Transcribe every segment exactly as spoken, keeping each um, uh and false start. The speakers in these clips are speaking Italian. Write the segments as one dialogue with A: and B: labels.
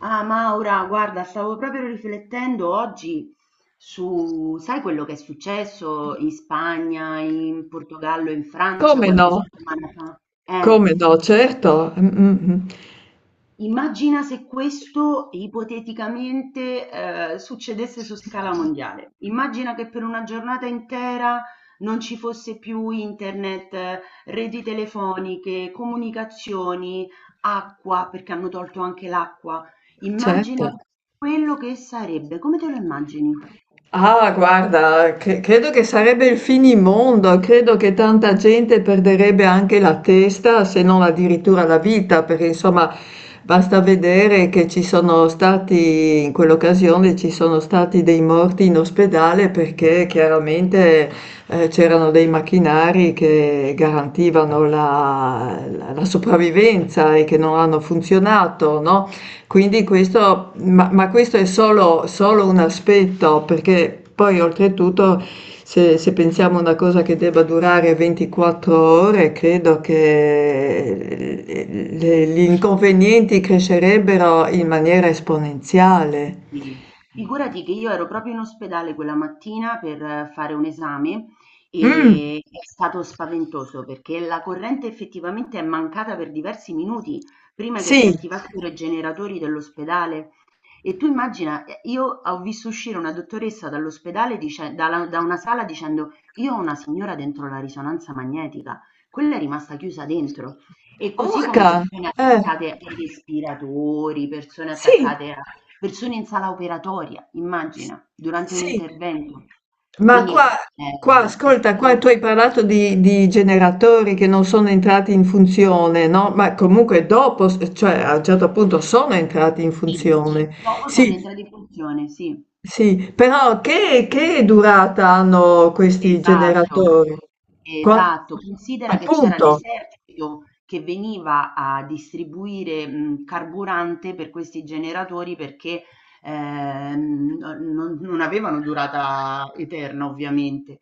A: Ah, Maura, guarda, stavo proprio riflettendo oggi su, sai quello che è successo in Spagna, in Portogallo, in Francia
B: Come
A: qualche
B: no,
A: settimana fa? Eh.
B: come no, certo, mm, mm, mm,
A: Immagina se questo ipoteticamente, ehm, succedesse su scala mondiale. Immagina che per una giornata intera non ci fosse più internet, reti telefoniche, comunicazioni, acqua, perché hanno tolto anche l'acqua.
B: certo.
A: Immagina quello che sarebbe. Come te lo immagini?
B: Ah, guarda, cre- credo che sarebbe il finimondo, credo che tanta gente perderebbe anche la testa, se non addirittura la vita, perché insomma basta vedere che ci sono stati, in quell'occasione ci sono stati dei morti in ospedale perché chiaramente eh, c'erano dei macchinari che garantivano la, la- la sopravvivenza e che non hanno funzionato, no? Quindi questo, ma, ma questo è solo, solo un aspetto, perché poi oltretutto se, se pensiamo a una cosa che debba durare ventiquattro ore, credo che le- gli inconvenienti crescerebbero in maniera esponenziale.
A: Sì, figurati che io ero proprio in ospedale quella mattina per eh, fare un esame
B: Mm,
A: e è stato spaventoso perché la corrente effettivamente è mancata per diversi minuti prima che si
B: sì,
A: attivassero i generatori dell'ospedale e tu immagina, eh, io ho visto uscire una dottoressa dall'ospedale dice- dalla- da una sala dicendo io ho una signora dentro la risonanza magnetica, quella è rimasta chiusa dentro. E così come
B: orca,
A: persone
B: eh,
A: attaccate ai respiratori, persone
B: sì.
A: attaccate a persone in sala operatoria,
B: S
A: immagina, durante un
B: Sì,
A: intervento.
B: ma
A: Quindi
B: qua qua
A: eh, è
B: ascolta, qua
A: stato
B: tu hai parlato di di generatori che non sono entrati in funzione, no, ma comunque dopo s cioè a un certo punto sono entrati in
A: sì.
B: funzione.
A: Dopo sono
B: Sì,
A: entrate in funzione, sì,
B: sì, però che che durata hanno questi
A: esatto.
B: generatori? Qua
A: Esatto, considera che c'era
B: appunto,
A: l'esercito che veniva a distribuire, mhmm, carburante per questi generatori perché, ehm, n non non avevano durata eterna ovviamente.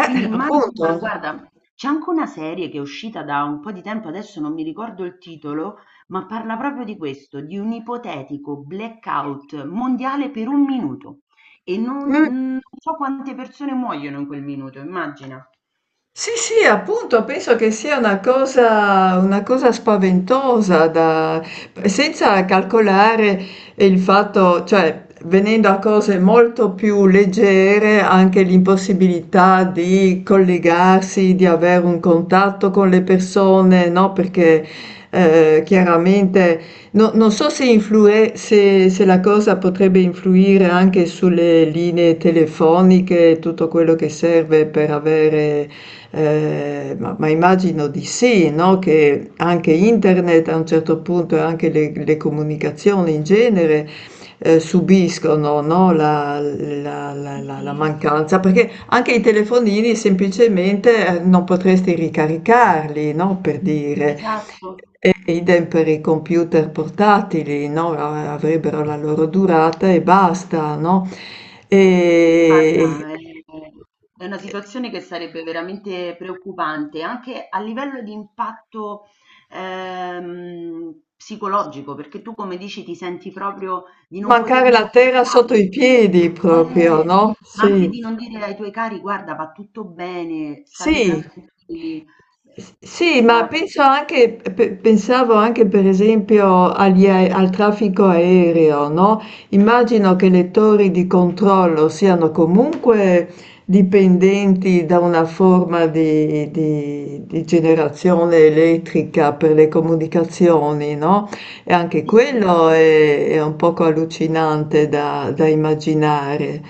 A: Quindi immagina
B: appunto.
A: guarda, c'è anche una serie che è uscita da un po' di tempo, adesso non mi ricordo il titolo, ma parla proprio di questo, di un ipotetico blackout mondiale per un minuto e non
B: Mm.
A: non so quante persone muoiono in quel minuto, immagina.
B: Sì, sì, appunto, penso che sia una cosa, una cosa spaventosa da, senza calcolare il fatto, cioè venendo a cose molto più leggere, anche l'impossibilità di collegarsi, di avere un contatto con le persone, no? Perché eh, chiaramente no- non so se, influe- se, se la cosa potrebbe influire anche sulle linee telefoniche, tutto quello che serve per avere eh, ma, ma immagino di sì, no? Che anche internet a un certo punto e anche le, le comunicazioni in genere eh, subiscono, no? La, la- la-
A: Sì,
B: la- la
A: sì,
B: mancanza, perché anche i telefonini semplicemente eh, non potresti ricaricarli, no? Per dire.
A: esatto.
B: E idem per i computer portatili, no? Avrebbero la loro durata e basta, no? E,
A: Guarda, è è una situazione che sarebbe veramente preoccupante anche a livello di impatto ehm, psicologico, perché tu, come dici, ti senti proprio di non
B: Mancare
A: poter
B: la terra sotto
A: comunicare.
B: i piedi proprio,
A: Eh,
B: no,
A: ma anche
B: sì.
A: di non dire ai tuoi cari, guarda, va tutto bene, state
B: Sì.
A: tranquilli. Eh,
B: S Sì, ma
A: Esatto.
B: penso anche pe pensavo anche per esempio agli ae al traffico aereo, no, immagino che le torri di controllo siano comunque dipendenti da una forma di di di generazione elettrica per le comunicazioni, no, e anche
A: Sì, sì.
B: quello è è un poco allucinante da da immaginare.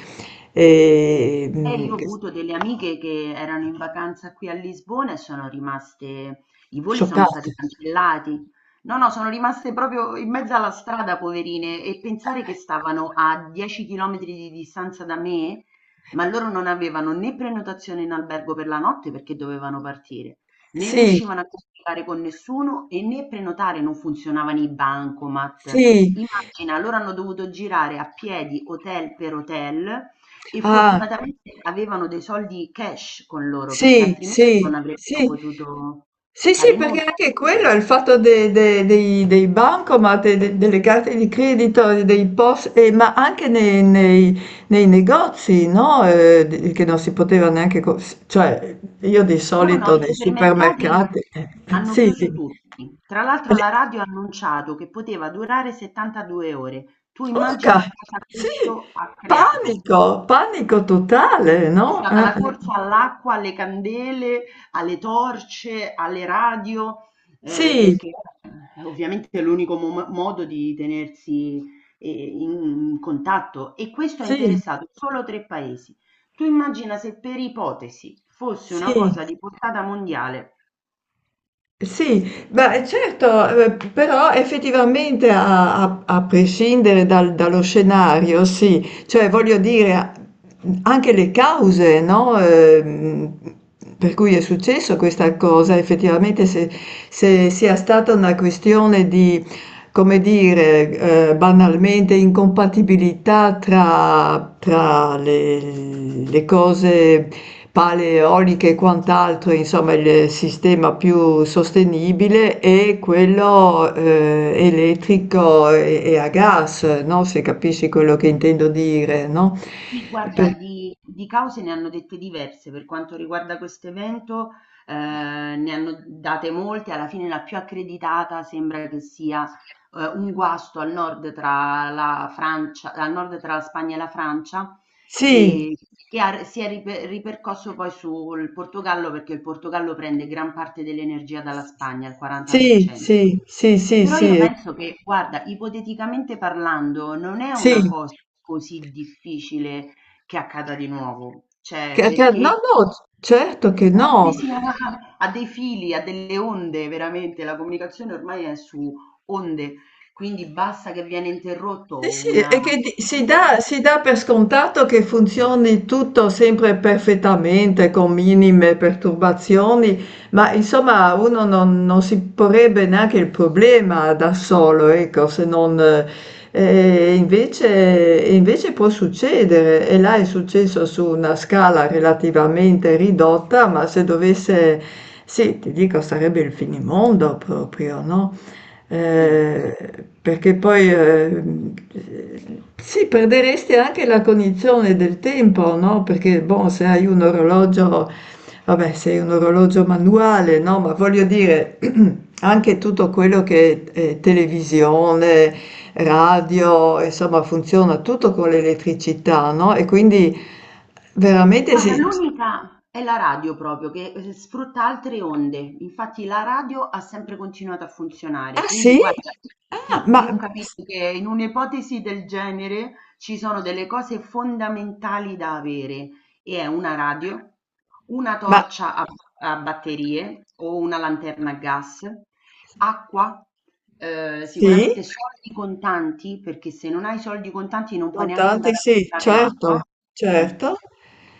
A: Eh,
B: Ehm,
A: io ho avuto delle amiche che erano in vacanza qui a Lisbona e sono rimaste i voli sono
B: Scioccante.
A: stati cancellati. No, no, sono rimaste proprio in mezzo alla strada, poverine, e pensare che stavano a dieci chilometri di distanza da me, ma loro non avevano né prenotazione in albergo per la notte perché dovevano partire, né
B: Sì,
A: riuscivano a comunicare con nessuno e né prenotare, non funzionavano i bancomat.
B: sì,
A: Immagina, loro hanno dovuto girare a piedi hotel per hotel e
B: ah,
A: fortunatamente avevano dei soldi cash con loro, perché
B: sì,
A: altrimenti
B: sì,
A: non avrebbero
B: sì,
A: potuto
B: sì, sì,
A: fare
B: perché
A: nulla.
B: anche quello è il fatto de- de- dei, dei bancomat, e de- delle carte di credito, e dei P O S, e- ma anche nei, nei- nei negozi, no? Eh, di- che non si poteva neanche, co- cioè io di
A: No, no,
B: solito
A: i
B: nei
A: supermercati
B: supermercati, eh, eh,
A: hanno
B: sì,
A: chiuso
B: di-
A: tutti. Tra l'altro
B: eh,
A: la radio ha annunciato che poteva durare settantadue ore. Tu
B: urca,
A: immagina cosa
B: sì,
A: questo ha creato.
B: panico, panico totale,
A: C'è
B: no?
A: stata
B: Eh,
A: la
B: eh,
A: corsa all'acqua, alle candele, alle torce, alle radio, ehm,
B: sì,
A: perché eh, ovviamente è l'unico mom modo di tenersi, ehm, in contatto e questo ha
B: sì,
A: interessato solo tre paesi. Tu immagina se per ipotesi fosse una
B: sì.
A: cosa di portata mondiale.
B: Sì, beh certo, ehm, p però effettivamente a a a prescindere dal dallo scenario, sì, cioè voglio dire a mhmm, anche le cause, no, ehm, per cui è successo questa cosa, effettivamente se se sia stata una questione di, come dire, ehm, banalmente incompatibilità tra tra le le cose paleoliche e quant'altro, insomma il sistema più sostenibile è quello eh, elettrico e, e a gas, no? Se capisci quello che intendo dire, no?
A: Sì, guarda,
B: Per-
A: di, di cause ne hanno dette diverse per quanto riguarda questo evento, eh, ne hanno date molte, alla fine la più accreditata sembra che sia eh, un guasto al nord tra la Francia, al nord tra la Spagna e la Francia,
B: Sì,
A: e che ha si è ripe ripercosso poi sul Portogallo, perché il Portogallo prende gran parte dell'energia dalla Spagna, il
B: sì,
A: quaranta per cento.
B: sì, sì, sì,
A: Però io
B: sì, eh,
A: penso che, guarda, ipoteticamente parlando, non è una
B: sì,
A: cosa così difficile che accada di nuovo, cioè
B: che- che- no,
A: perché
B: no, certo che
A: siamo
B: no,
A: appesi a, a dei fili, a delle onde, veramente, la comunicazione ormai è su onde, quindi basta che viene
B: Sì,
A: interrotto
B: sì,
A: una
B: è che di- si dà,
A: figura,
B: si dà per scontato che funzioni tutto sempre perfettamente, con minime perturbazioni, ma insomma uno non, non si porrebbe neanche il problema da solo, ecco, se non... eh, eh, invece, invece può succedere, e là è successo su una scala relativamente ridotta, ma se dovesse... Sì, ti dico, sarebbe il finimondo proprio, no?
A: sì.
B: Eh, perché poi ehm, sì, perderesti anche la cognizione del tempo, no? Perché boh, se hai un orologio, vabbè, se hai un orologio manuale, no? Ma voglio dire, anche tutto quello che è televisione, radio, insomma, funziona tutto con l'elettricità, no? E quindi veramente
A: Guarda,
B: sì.
A: l'unica è la radio proprio, che eh, sfrutta altre onde. Infatti la radio ha sempre continuato a funzionare.
B: Ah
A: Quindi,
B: sì?
A: guarda,
B: Ah,
A: sì,
B: ma,
A: io ho capito che in un'ipotesi del genere ci sono delle cose fondamentali da avere, e è una radio, una
B: ma
A: torcia a, a batterie o una lanterna a gas, acqua, ehm,
B: sì?
A: sicuramente soldi contanti, perché se non hai soldi contanti non puoi neanche
B: Contanti
A: andare a
B: sì,
A: comprare
B: certo,
A: l'acqua. Eh.
B: certo.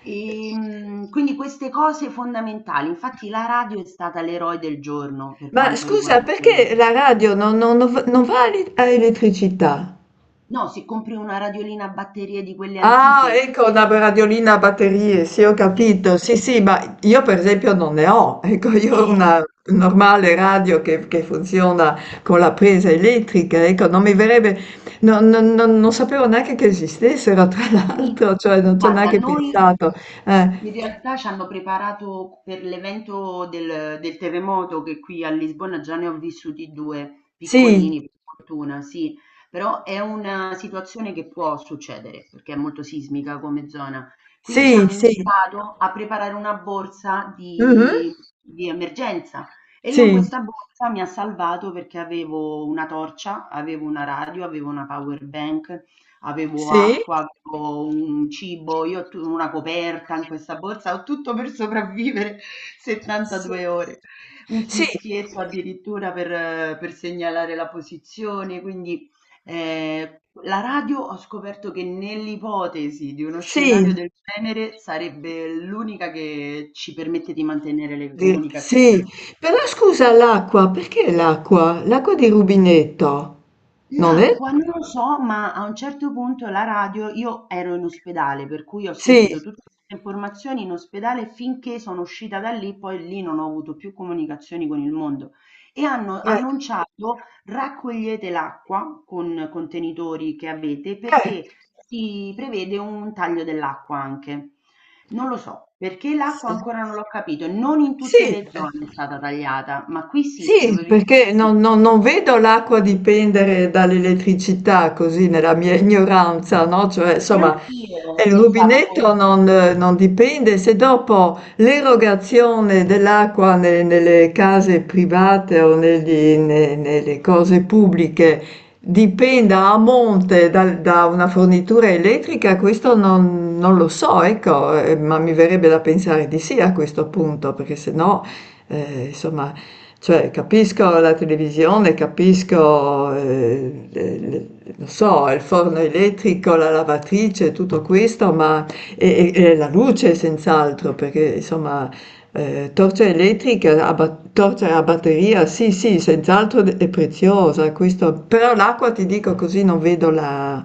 A: Ehm, quindi queste cose fondamentali. Infatti la radio è stata l'eroe del giorno per
B: Ma
A: quanto
B: scusa,
A: riguarda quelle.
B: perché la radio non, non- non va non va a ele- a elettricità?
A: No, se compri una radiolina a batterie di quelle
B: Ah,
A: antiche,
B: ecco, una radiolina a batterie, sì, ho
A: sì,
B: capito. Sì, sì, ma io per esempio non ne ho. Ecco, io ho una
A: eh.
B: normale radio che, che funziona con la presa elettrica. Ecco, non mi verrebbe, non, non- non- non sapevo neanche che esistessero, tra
A: Sì.
B: l'altro, cioè non ci ho
A: Guarda,
B: neanche
A: noi
B: pensato. Eh,
A: in realtà ci hanno preparato per l'evento del, del terremoto che qui a Lisbona già ne ho vissuti due
B: sì,
A: piccolini, per fortuna, sì, però è una situazione che può succedere perché è molto sismica come zona. Quindi ci
B: sì,
A: hanno
B: sì.
A: invitato a preparare una borsa
B: Mhm,
A: di, di emergenza e io in
B: sì.
A: questa borsa mi ha salvato perché avevo una torcia, avevo una radio, avevo una power bank, avevo
B: Sì?
A: acqua, avevo un cibo, io tu una coperta in questa borsa, ho tutto per sopravvivere
B: Sì.
A: settantadue ore, un
B: Sì,
A: fischietto addirittura per, eh, per segnalare la posizione, quindi eh, la radio ho scoperto che nell'ipotesi di uno
B: sì,
A: scenario del genere sarebbe l'unica che ci permette di mantenere le
B: di- sì.
A: comunicazioni.
B: Però scusa, l'acqua, perché l'acqua? L'acqua di rubinetto, non è?
A: L'acqua non lo so, ma a un certo punto la radio io ero in ospedale, per cui ho
B: Sì,
A: sentito tutte queste informazioni in ospedale finché sono uscita da lì, poi lì non ho avuto più comunicazioni con il mondo. E hanno
B: eh,
A: annunciato raccogliete l'acqua con contenitori che avete
B: eh,
A: perché si prevede un taglio dell'acqua anche. Non lo so, perché l'acqua
B: sì.
A: ancora non l'ho capito, non in tutte
B: Sì.
A: le
B: Eh.
A: zone è stata tagliata, ma qui sì,
B: Sì,
A: dove vivo io
B: perché
A: sì.
B: non non non vedo l'acqua dipendere dall'elettricità così nella mia ignoranza, no, cioè insomma,
A: Neanch'io
B: ehm, il
A: pensavo
B: rubinetto
A: fosse
B: non eh, non dipende se dopo l'erogazione dell'acqua ne nelle case private o negli ne nelle cose pubbliche dipenda a monte dal da una fornitura elettrica, questo non non lo so, ecco, ehm, ma mi verrebbe da pensare di sì a questo punto, perché se no, ehm, insomma cioè, capisco la televisione, capisco, ehm, le le non so, il forno elettrico, la lavatrice, tutto questo, ma e e e la luce senz'altro, perché insomma, ehm, torcia elettrica a ba torcia a batteria, sì, sì, senz'altro d è preziosa, questo però l'acqua ti dico così non vedo la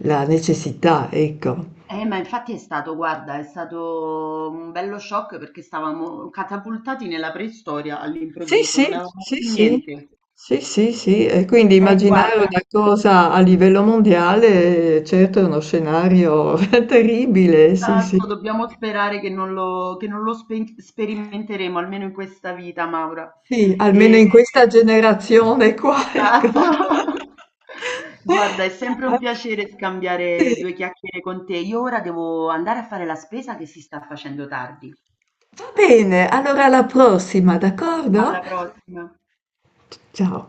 B: la necessità, ecco.
A: eh, ma infatti è stato, guarda, è stato un bello shock perché stavamo catapultati nella preistoria
B: Sì,
A: all'improvviso, non
B: sì,
A: avevamo
B: sì,
A: più
B: sì,
A: niente.
B: sì, sì, sì, e quindi
A: Eh,
B: immaginare
A: guarda,
B: una cosa a livello mondiale, certo è uno scenario terribile, sì, sì,
A: esatto, dobbiamo sperare che non lo, che non lo spe- sperimenteremo, almeno in questa vita, Maura.
B: sì, almeno
A: E-
B: in questa generazione qua, ecco.
A: esatto. Guarda, è sempre un piacere scambiare
B: Sì.
A: due chiacchiere con te. Io ora devo andare a fare la spesa che si sta facendo tardi.
B: Va bene, allora alla prossima, d'accordo?
A: Alla prossima.
B: Ciao.